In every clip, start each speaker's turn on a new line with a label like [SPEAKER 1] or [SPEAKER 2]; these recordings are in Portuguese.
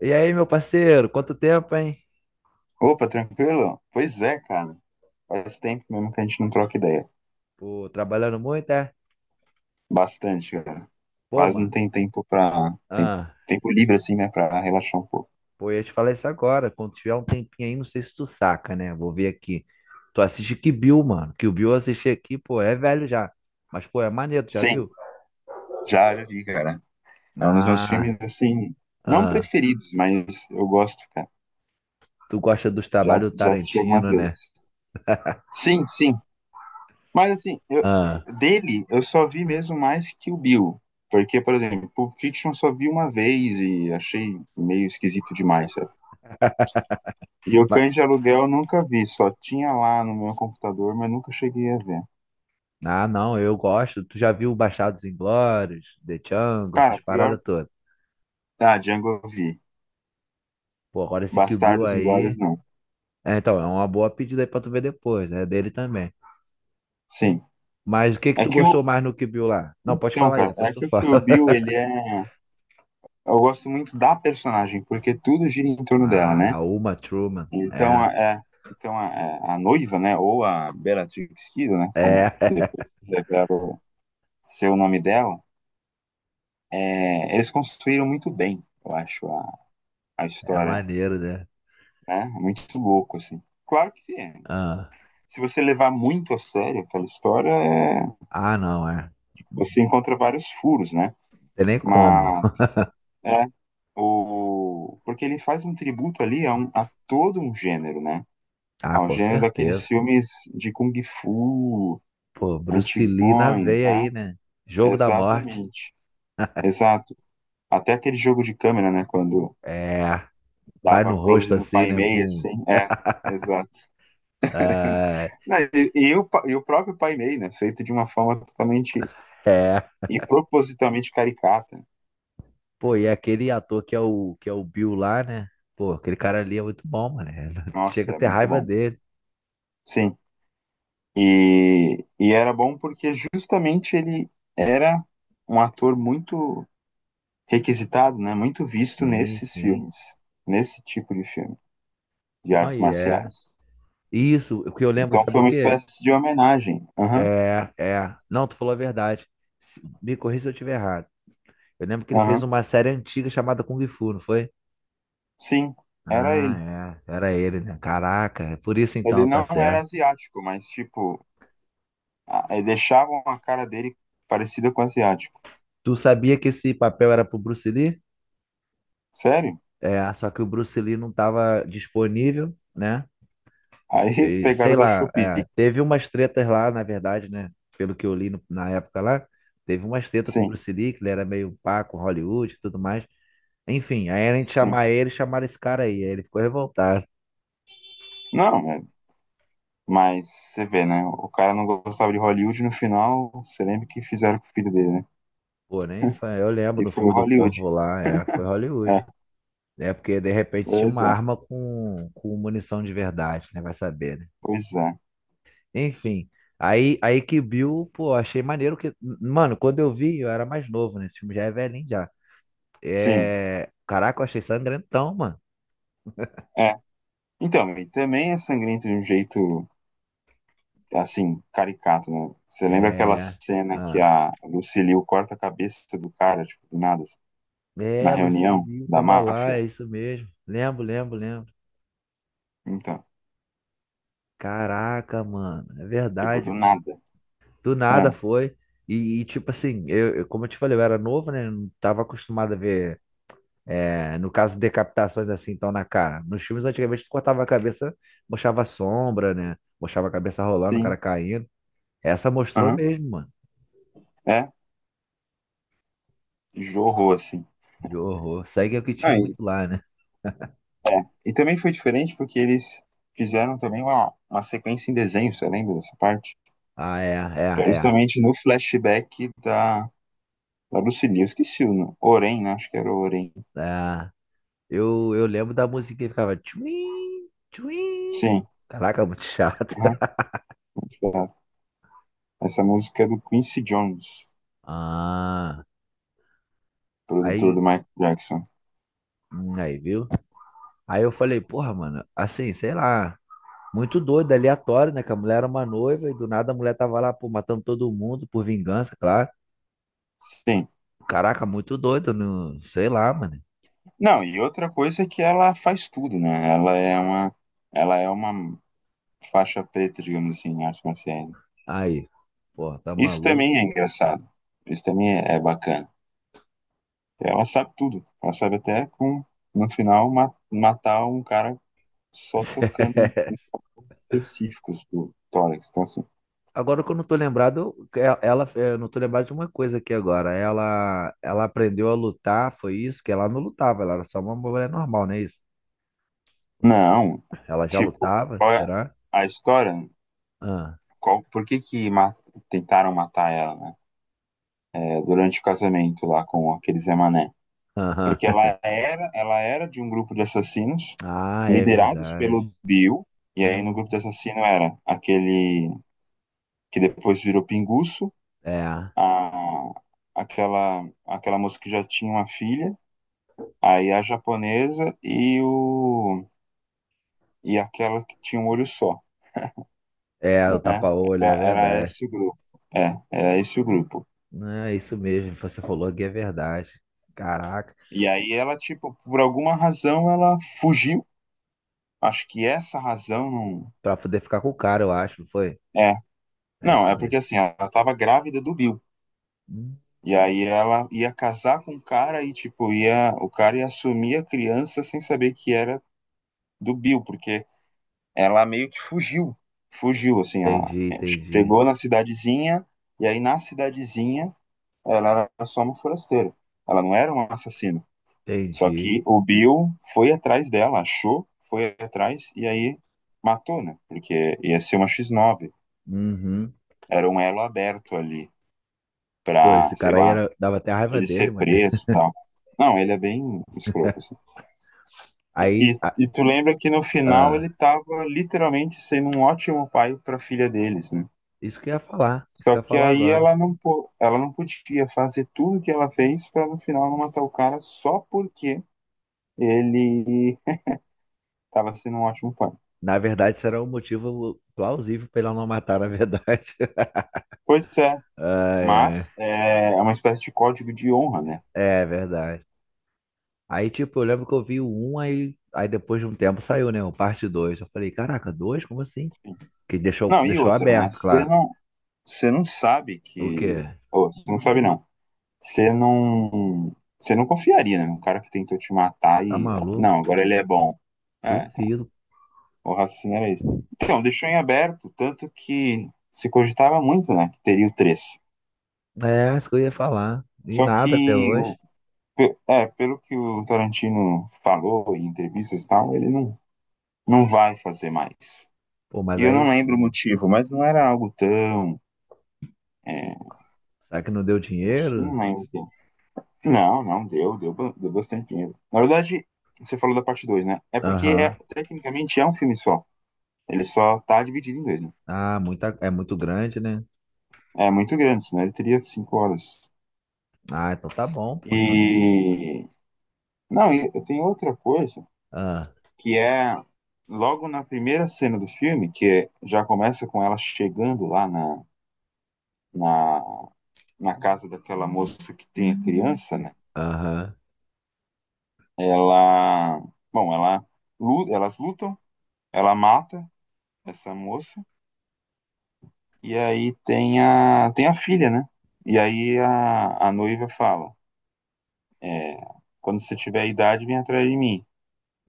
[SPEAKER 1] E aí, meu parceiro, quanto tempo, hein?
[SPEAKER 2] Opa, tranquilo? Pois é, cara. Faz tempo mesmo que a gente não troca ideia.
[SPEAKER 1] Pô, trabalhando muito, é?
[SPEAKER 2] Bastante, cara.
[SPEAKER 1] Pô,
[SPEAKER 2] Quase não
[SPEAKER 1] mano,
[SPEAKER 2] tem tempo pra. Tem
[SPEAKER 1] ah,
[SPEAKER 2] tempo livre, assim, né? Pra relaxar um pouco.
[SPEAKER 1] pô, eu ia te falar isso agora. Quando tiver um tempinho aí, não sei se tu saca, né? Vou ver aqui. Tu assiste Kill Bill, mano. Kill Bill eu assisti aqui, pô, é velho já. Mas, pô, é maneiro, tu já
[SPEAKER 2] Sim,
[SPEAKER 1] viu?
[SPEAKER 2] já vi, cara. É um dos meus
[SPEAKER 1] Ah,
[SPEAKER 2] filmes, assim, não
[SPEAKER 1] ah,
[SPEAKER 2] preferidos, mas eu gosto, cara.
[SPEAKER 1] tu gosta dos
[SPEAKER 2] Já,
[SPEAKER 1] trabalhos do
[SPEAKER 2] já assisti algumas
[SPEAKER 1] Tarantino, né?
[SPEAKER 2] vezes. Sim, sim. Mas, assim, eu,
[SPEAKER 1] Ah,
[SPEAKER 2] dele, eu só vi mesmo mais que o Bill. Porque, por exemplo, Pulp Fiction eu só vi uma vez e achei meio esquisito demais. E o
[SPEAKER 1] mas-
[SPEAKER 2] Cães de Aluguel eu nunca vi, só tinha lá no meu computador, mas nunca cheguei a ver.
[SPEAKER 1] ah, não, eu gosto. Tu já viu Bastardos Inglórios, The Django, essas
[SPEAKER 2] Cara, pior.
[SPEAKER 1] paradas todas.
[SPEAKER 2] Ah, Django eu vi.
[SPEAKER 1] Pô, agora esse Kill Bill
[SPEAKER 2] Bastardos Inglórios
[SPEAKER 1] aí.
[SPEAKER 2] não.
[SPEAKER 1] É, então, é uma boa pedida aí pra tu ver depois, né? Dele também.
[SPEAKER 2] Sim.
[SPEAKER 1] Mas o que que
[SPEAKER 2] É
[SPEAKER 1] tu
[SPEAKER 2] que
[SPEAKER 1] gostou
[SPEAKER 2] o.
[SPEAKER 1] mais no que viu lá? Não, pode
[SPEAKER 2] Então,
[SPEAKER 1] falar aí,
[SPEAKER 2] cara,
[SPEAKER 1] depois
[SPEAKER 2] é
[SPEAKER 1] tu
[SPEAKER 2] que o
[SPEAKER 1] fala.
[SPEAKER 2] Kill Bill, ele é. Eu gosto muito da personagem, porque tudo gira em torno dela,
[SPEAKER 1] Ah,
[SPEAKER 2] né?
[SPEAKER 1] a Uma Truman.
[SPEAKER 2] Então,
[SPEAKER 1] É,
[SPEAKER 2] a- é. Então, a noiva, né? Ou a Bellatrix Kiddo, né? Como
[SPEAKER 1] é,
[SPEAKER 2] revela o seu nome dela, eles construíram muito bem, eu acho, a
[SPEAKER 1] é
[SPEAKER 2] história,
[SPEAKER 1] maneiro, né?
[SPEAKER 2] né? É muito louco, assim. Claro que sim.
[SPEAKER 1] Ah,
[SPEAKER 2] Se você levar muito a sério aquela história,
[SPEAKER 1] ah, não, é. Não
[SPEAKER 2] você encontra vários furos, né?
[SPEAKER 1] tem nem como.
[SPEAKER 2] Mas é o porque ele faz um tributo ali a, a todo um gênero, né?
[SPEAKER 1] Ah,
[SPEAKER 2] Ao
[SPEAKER 1] com
[SPEAKER 2] gênero daqueles
[SPEAKER 1] certeza.
[SPEAKER 2] filmes de kung fu
[SPEAKER 1] Pô, Bruce Lee na
[SPEAKER 2] antigões,
[SPEAKER 1] veia
[SPEAKER 2] né?
[SPEAKER 1] aí, né? Jogo da morte.
[SPEAKER 2] Exatamente. Exato. Até aquele jogo de câmera, né? Quando
[SPEAKER 1] É, vai
[SPEAKER 2] dava
[SPEAKER 1] no
[SPEAKER 2] close
[SPEAKER 1] rosto
[SPEAKER 2] no
[SPEAKER 1] assim,
[SPEAKER 2] pai e
[SPEAKER 1] né?
[SPEAKER 2] meia,
[SPEAKER 1] Vum.
[SPEAKER 2] assim. É, exato.
[SPEAKER 1] Ah,
[SPEAKER 2] Não, E o próprio pai e né? Feito de uma forma totalmente
[SPEAKER 1] é.
[SPEAKER 2] e propositalmente caricata.
[SPEAKER 1] Pô, e aquele ator que é o Bill lá, né? Pô, aquele cara ali é muito bom, mano. Chega
[SPEAKER 2] Nossa,
[SPEAKER 1] a
[SPEAKER 2] é
[SPEAKER 1] ter
[SPEAKER 2] muito
[SPEAKER 1] raiva
[SPEAKER 2] bom.
[SPEAKER 1] dele.
[SPEAKER 2] Sim. E era bom porque justamente ele era um ator muito requisitado, né? Muito visto
[SPEAKER 1] Sim,
[SPEAKER 2] nesses
[SPEAKER 1] sim.
[SPEAKER 2] filmes, nesse tipo de filme, de
[SPEAKER 1] Não,
[SPEAKER 2] artes
[SPEAKER 1] e é.
[SPEAKER 2] marciais.
[SPEAKER 1] Isso, o que eu lembro,
[SPEAKER 2] Então foi
[SPEAKER 1] sabe o
[SPEAKER 2] uma
[SPEAKER 1] quê?
[SPEAKER 2] espécie de homenagem. Aham,
[SPEAKER 1] É, é. Não, tu falou a verdade. Me corrija se eu estiver errado. Eu lembro que ele fez
[SPEAKER 2] aham.
[SPEAKER 1] uma série antiga chamada Kung Fu, não foi?
[SPEAKER 2] Sim, era ele.
[SPEAKER 1] Ah, é. Era ele, né? Caraca, é por isso
[SPEAKER 2] Ele
[SPEAKER 1] então, tá
[SPEAKER 2] não era
[SPEAKER 1] certo.
[SPEAKER 2] asiático, mas tipo, deixavam a cara dele parecida com asiático.
[SPEAKER 1] Tu sabia que esse papel era pro Bruce Lee?
[SPEAKER 2] Sério?
[SPEAKER 1] É, só que o Bruce Lee não tava disponível, né?
[SPEAKER 2] Aí
[SPEAKER 1] E, sei
[SPEAKER 2] pegaram da
[SPEAKER 1] lá, é,
[SPEAKER 2] Shopee.
[SPEAKER 1] teve umas tretas lá, na verdade, né? Pelo que eu li na época lá, teve umas tretas com o
[SPEAKER 2] Sim,
[SPEAKER 1] Bruce Lee, que ele era meio pá com Hollywood e tudo mais. Enfim, aí a gente
[SPEAKER 2] sim.
[SPEAKER 1] chamar ele, chamaram esse cara aí. Aí ele ficou revoltado.
[SPEAKER 2] Não, é, mas você vê, né? O cara não gostava de Hollywood no final, você lembra que fizeram com o filho dele, né?
[SPEAKER 1] Pô, nem foi. Eu lembro
[SPEAKER 2] E
[SPEAKER 1] no
[SPEAKER 2] foi
[SPEAKER 1] filme
[SPEAKER 2] o
[SPEAKER 1] do
[SPEAKER 2] Hollywood.
[SPEAKER 1] Corvo lá, é, foi Hollywood.
[SPEAKER 2] É,
[SPEAKER 1] É porque de repente tinha
[SPEAKER 2] pois
[SPEAKER 1] uma
[SPEAKER 2] é,
[SPEAKER 1] arma com munição de verdade, né? Vai saber, né?
[SPEAKER 2] pois é.
[SPEAKER 1] Enfim, aí que Bill, pô, achei maneiro que. Mano, quando eu vi, eu era mais novo, né? Esse filme já é velhinho já.
[SPEAKER 2] Sim,
[SPEAKER 1] É... Caraca, eu achei sangrentão, mano.
[SPEAKER 2] é. Então, e também é sangrento de um jeito, assim, caricato, né? Você lembra aquela
[SPEAKER 1] É.
[SPEAKER 2] cena que
[SPEAKER 1] Ah.
[SPEAKER 2] a Lucy Liu corta a cabeça do cara, tipo, do nada, assim, na
[SPEAKER 1] É,
[SPEAKER 2] reunião
[SPEAKER 1] Lucilio
[SPEAKER 2] da
[SPEAKER 1] tava lá, é
[SPEAKER 2] máfia?
[SPEAKER 1] isso mesmo. Lembro, lembro, lembro.
[SPEAKER 2] Então,
[SPEAKER 1] Caraca, mano, é
[SPEAKER 2] tipo, do
[SPEAKER 1] verdade.
[SPEAKER 2] nada.
[SPEAKER 1] Do nada
[SPEAKER 2] É,
[SPEAKER 1] foi. E, tipo assim, como eu te falei, eu era novo, né? Não tava acostumado a ver, é, no caso, decapitações assim, então na cara. Nos filmes, antigamente, tu cortava a cabeça, mostrava a sombra, né? Mostrava a cabeça rolando, o
[SPEAKER 2] sim,
[SPEAKER 1] cara caindo. Essa mostrou
[SPEAKER 2] aham,
[SPEAKER 1] mesmo, mano.
[SPEAKER 2] é, jorrou, assim.
[SPEAKER 1] De horror. Sangue é o que tinha
[SPEAKER 2] Ah,
[SPEAKER 1] muito lá, né?
[SPEAKER 2] e também foi diferente porque eles fizeram também uma sequência em desenho, você lembra dessa parte?
[SPEAKER 1] Ah, é,
[SPEAKER 2] Que era
[SPEAKER 1] é, é.
[SPEAKER 2] justamente no flashback da, da Lucille. Eu esqueci o nome. Oren, né? Acho que era o Oren.
[SPEAKER 1] Ah, eu lembro da musiquinha que ficava tchuim, tchuim.
[SPEAKER 2] Sim.
[SPEAKER 1] Caraca, muito chato.
[SPEAKER 2] Aham, muito obrigado. Essa música é do Quincy Jones,
[SPEAKER 1] Ah,
[SPEAKER 2] produtor do
[SPEAKER 1] aí,
[SPEAKER 2] Michael Jackson.
[SPEAKER 1] aí, viu? Aí eu falei, porra, mano, assim, sei lá, muito doido, aleatório, né? Que a mulher era uma noiva e do nada a mulher tava lá, pô, matando todo mundo por vingança, claro.
[SPEAKER 2] Sim.
[SPEAKER 1] Caraca, muito doido, não, sei lá, mano.
[SPEAKER 2] Não, e outra coisa é que ela faz tudo, né? Ela é uma faixa preta, digamos assim, em artes marciais.
[SPEAKER 1] Aí, porra, tá
[SPEAKER 2] Isso
[SPEAKER 1] maluco?
[SPEAKER 2] também é engraçado. Isso também é bacana. Ela sabe tudo. Ela sabe até com, no final, matar um cara só tocando em específicos do tórax. Então, assim,
[SPEAKER 1] Agora que eu não tô lembrado, ela, eu não tô lembrado de uma coisa aqui agora. Ela aprendeu a lutar, foi isso? Que ela não lutava, ela era só uma mulher normal, não é isso?
[SPEAKER 2] não.
[SPEAKER 1] Ela já
[SPEAKER 2] Tipo,
[SPEAKER 1] lutava,
[SPEAKER 2] qual é
[SPEAKER 1] será?
[SPEAKER 2] a história?
[SPEAKER 1] Ah,
[SPEAKER 2] Qual, por que que ma- tentaram matar ela, né? É, durante o casamento lá com aquele Zé Mané?
[SPEAKER 1] aham.
[SPEAKER 2] Porque ela era de um grupo de assassinos
[SPEAKER 1] Ah, é
[SPEAKER 2] liderados
[SPEAKER 1] verdade.
[SPEAKER 2] pelo Bill. E aí no grupo de
[SPEAKER 1] Hum,
[SPEAKER 2] assassino era aquele que depois virou Pinguço,
[SPEAKER 1] é,
[SPEAKER 2] a, aquela moça que já tinha uma filha, aí a japonesa e aquela que tinha um olho só.
[SPEAKER 1] é, o tapa-olho,
[SPEAKER 2] Ah,
[SPEAKER 1] é
[SPEAKER 2] era
[SPEAKER 1] verdade.
[SPEAKER 2] esse o grupo. É, era esse o grupo.
[SPEAKER 1] É isso mesmo, você falou que é verdade. Caraca,
[SPEAKER 2] E aí ela, tipo, por alguma razão ela fugiu. Acho que essa razão não.
[SPEAKER 1] pra poder ficar com o cara, eu acho, não foi?
[SPEAKER 2] É.
[SPEAKER 1] É
[SPEAKER 2] Não,
[SPEAKER 1] isso
[SPEAKER 2] é porque
[SPEAKER 1] mesmo.
[SPEAKER 2] assim, ela tava grávida do Bill.
[SPEAKER 1] Hum,
[SPEAKER 2] E aí ela ia casar com o cara e, tipo, ia, o cara ia assumir a criança sem saber que era do Bill, porque ela meio que fugiu, assim,
[SPEAKER 1] Entendi, entendi,
[SPEAKER 2] chegou na cidadezinha, e aí na cidadezinha ela era só uma forasteira, ela não era uma assassina. Só
[SPEAKER 1] entendi.
[SPEAKER 2] que o Bill foi atrás dela, achou, foi atrás, e aí matou, né? Porque ia ser uma X9,
[SPEAKER 1] Uhum.
[SPEAKER 2] era um elo aberto ali
[SPEAKER 1] Pô,
[SPEAKER 2] pra,
[SPEAKER 1] esse
[SPEAKER 2] sei
[SPEAKER 1] cara aí
[SPEAKER 2] lá,
[SPEAKER 1] era, dava até raiva
[SPEAKER 2] ele
[SPEAKER 1] dele,
[SPEAKER 2] ser
[SPEAKER 1] mano.
[SPEAKER 2] preso e tal. Não, ele é bem escroto, assim.
[SPEAKER 1] Aí,
[SPEAKER 2] E, e tu lembra que no final
[SPEAKER 1] ah,
[SPEAKER 2] ele tava literalmente sendo um ótimo pai pra filha deles, né?
[SPEAKER 1] isso que eu ia falar, isso que
[SPEAKER 2] Só
[SPEAKER 1] eu ia
[SPEAKER 2] que
[SPEAKER 1] falar
[SPEAKER 2] aí
[SPEAKER 1] agora.
[SPEAKER 2] ela não podia fazer tudo que ela fez pra no final não matar o cara só porque ele tava sendo um ótimo pai.
[SPEAKER 1] Na verdade, será um motivo plausível pra ele não matar, na verdade.
[SPEAKER 2] Pois é,
[SPEAKER 1] Ai, ai.
[SPEAKER 2] mas é uma espécie de código de honra, né?
[SPEAKER 1] É verdade. Aí, tipo, eu lembro que eu vi o 1, aí depois de um tempo saiu, né? O parte dois. Eu falei, caraca, dois. Como assim?
[SPEAKER 2] Sim.
[SPEAKER 1] Que deixou,
[SPEAKER 2] Não, e
[SPEAKER 1] deixou
[SPEAKER 2] outra, né?
[SPEAKER 1] aberto, claro.
[SPEAKER 2] Você não sabe
[SPEAKER 1] O
[SPEAKER 2] que.
[SPEAKER 1] quê?
[SPEAKER 2] Ou, você não sabe, não. Você não confiaria, né? Um cara que tentou te matar
[SPEAKER 1] Tá
[SPEAKER 2] e.
[SPEAKER 1] maluco?
[SPEAKER 2] Não, agora ele é bom. É, então.
[SPEAKER 1] Duvido.
[SPEAKER 2] O raciocínio era esse. Então, deixou em aberto, tanto que se cogitava muito, né, que teria o três.
[SPEAKER 1] É, isso que eu ia falar. E
[SPEAKER 2] Só
[SPEAKER 1] nada até
[SPEAKER 2] que,
[SPEAKER 1] hoje.
[SPEAKER 2] o- pe- é, Pelo que o Tarantino falou em entrevistas e tal, ele não, não vai fazer mais.
[SPEAKER 1] Pô, mas
[SPEAKER 2] E eu não
[SPEAKER 1] aí,
[SPEAKER 2] lembro o motivo, mas não era algo tão. é,
[SPEAKER 1] será que não deu dinheiro?
[SPEAKER 2] não lembro. O que. Não, não, deu bastante dinheiro. Na verdade, você falou da parte 2, né? É porque, é,
[SPEAKER 1] Aham.
[SPEAKER 2] tecnicamente, é um filme só. Ele só tá dividido em dois, né?
[SPEAKER 1] Ah, é muito grande, né?
[SPEAKER 2] É muito grande, senão ele teria cinco horas.
[SPEAKER 1] Ah, então tá bom, pô. Então,
[SPEAKER 2] E Não, e tem outra coisa
[SPEAKER 1] ah,
[SPEAKER 2] que é logo na primeira cena do filme, já começa com ela chegando lá na, na, na casa daquela moça que tem a criança, né?
[SPEAKER 1] aham.
[SPEAKER 2] Ela, bom, ela, Elas lutam, ela mata essa moça e aí tem a, tem a filha, né? E aí a noiva fala, quando você tiver idade, vem atrás de mim.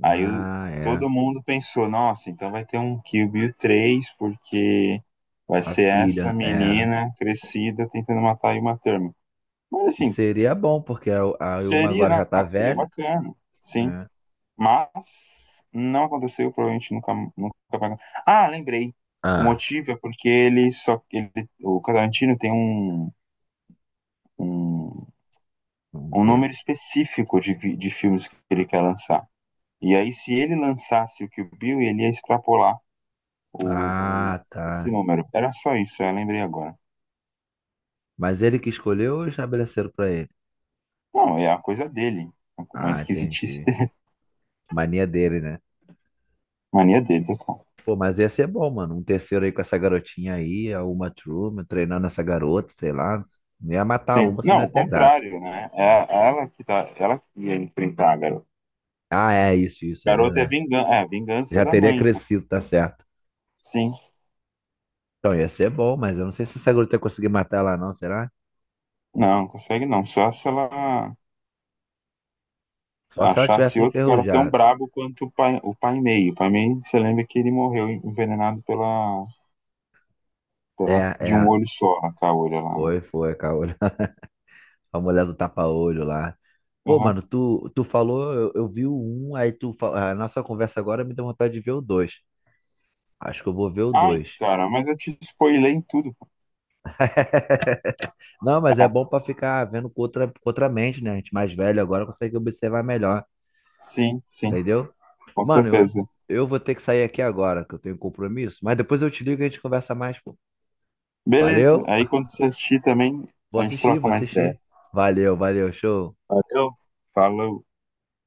[SPEAKER 2] Aí o-
[SPEAKER 1] Ah,
[SPEAKER 2] Todo
[SPEAKER 1] é.
[SPEAKER 2] mundo pensou, nossa, então vai ter um Kill Bill 3, porque vai
[SPEAKER 1] Com a
[SPEAKER 2] ser
[SPEAKER 1] filha,
[SPEAKER 2] essa
[SPEAKER 1] é.
[SPEAKER 2] menina crescida tentando matar a Uma Thurman. Mas
[SPEAKER 1] E
[SPEAKER 2] assim,
[SPEAKER 1] seria bom, porque a Ilma agora já tá
[SPEAKER 2] não, seria
[SPEAKER 1] velha,
[SPEAKER 2] bacana, sim.
[SPEAKER 1] né?
[SPEAKER 2] Mas não aconteceu, provavelmente nunca, nunca vai. Ah, lembrei. O
[SPEAKER 1] Ah,
[SPEAKER 2] motivo é porque ele só. Ele, O Tarantino tem um, um,
[SPEAKER 1] o
[SPEAKER 2] um
[SPEAKER 1] quê?
[SPEAKER 2] número específico de, de filmes que ele quer lançar. E aí, se ele lançasse o Kill Bill, ele ia extrapolar o,
[SPEAKER 1] Ah,
[SPEAKER 2] esse
[SPEAKER 1] tá.
[SPEAKER 2] número. Era só isso, eu lembrei agora.
[SPEAKER 1] Mas ele que escolheu ou estabeleceram pra ele?
[SPEAKER 2] Não, é a coisa dele. Uma
[SPEAKER 1] Ah,
[SPEAKER 2] esquisitice
[SPEAKER 1] entendi.
[SPEAKER 2] dele,
[SPEAKER 1] Mania dele, né?
[SPEAKER 2] mania dele, total.
[SPEAKER 1] Pô, mas ia ser bom, mano. Um terceiro aí com essa garotinha aí, a Uma Thurman, treinando essa garota, sei lá. Não ia matar a
[SPEAKER 2] Sim.
[SPEAKER 1] Uma, isso não
[SPEAKER 2] Não,
[SPEAKER 1] ia
[SPEAKER 2] o
[SPEAKER 1] ter graça.
[SPEAKER 2] contrário, né? É ela que ia enfrentar a garota.
[SPEAKER 1] Ah, é isso, isso, é
[SPEAKER 2] Garota
[SPEAKER 1] verdade.
[SPEAKER 2] é vingança
[SPEAKER 1] Já
[SPEAKER 2] da
[SPEAKER 1] teria
[SPEAKER 2] mãe, né?
[SPEAKER 1] crescido, tá certo.
[SPEAKER 2] Sim.
[SPEAKER 1] Então, ia ser bom, mas eu não sei se essa gruta ia conseguir matar ela não, será?
[SPEAKER 2] Não, não consegue não. Só se ela
[SPEAKER 1] Só se ela
[SPEAKER 2] achasse
[SPEAKER 1] tivesse
[SPEAKER 2] outro cara tão
[SPEAKER 1] enferrujada.
[SPEAKER 2] brabo quanto o pai meio. O pai meio, você lembra que ele morreu envenenado pela,
[SPEAKER 1] É,
[SPEAKER 2] pela de um
[SPEAKER 1] é.
[SPEAKER 2] olho só, a caolha lá.
[SPEAKER 1] Foi, foi, caô. A mulher do tapa-olho lá. Pô,
[SPEAKER 2] Uhum.
[SPEAKER 1] mano, tu falou, eu vi o um, aí a nossa conversa agora me deu vontade de ver o dois. Acho que eu vou ver o
[SPEAKER 2] Ai,
[SPEAKER 1] dois.
[SPEAKER 2] cara, mas eu te spoilei em tudo.
[SPEAKER 1] Não, mas é
[SPEAKER 2] Ah,
[SPEAKER 1] bom pra ficar vendo com outra mente, né? A gente mais velho agora consegue observar melhor,
[SPEAKER 2] sim, sim,
[SPEAKER 1] entendeu?
[SPEAKER 2] com
[SPEAKER 1] Mano, eu,
[SPEAKER 2] certeza.
[SPEAKER 1] eu vou ter que sair aqui agora, que eu tenho um compromisso, mas depois eu te ligo e a gente conversa mais, pô.
[SPEAKER 2] Beleza,
[SPEAKER 1] Valeu!
[SPEAKER 2] aí quando você assistir também,
[SPEAKER 1] Vou
[SPEAKER 2] a gente
[SPEAKER 1] assistir,
[SPEAKER 2] troca
[SPEAKER 1] vou
[SPEAKER 2] mais ideia.
[SPEAKER 1] assistir. Valeu, valeu, show.
[SPEAKER 2] Valeu, falou.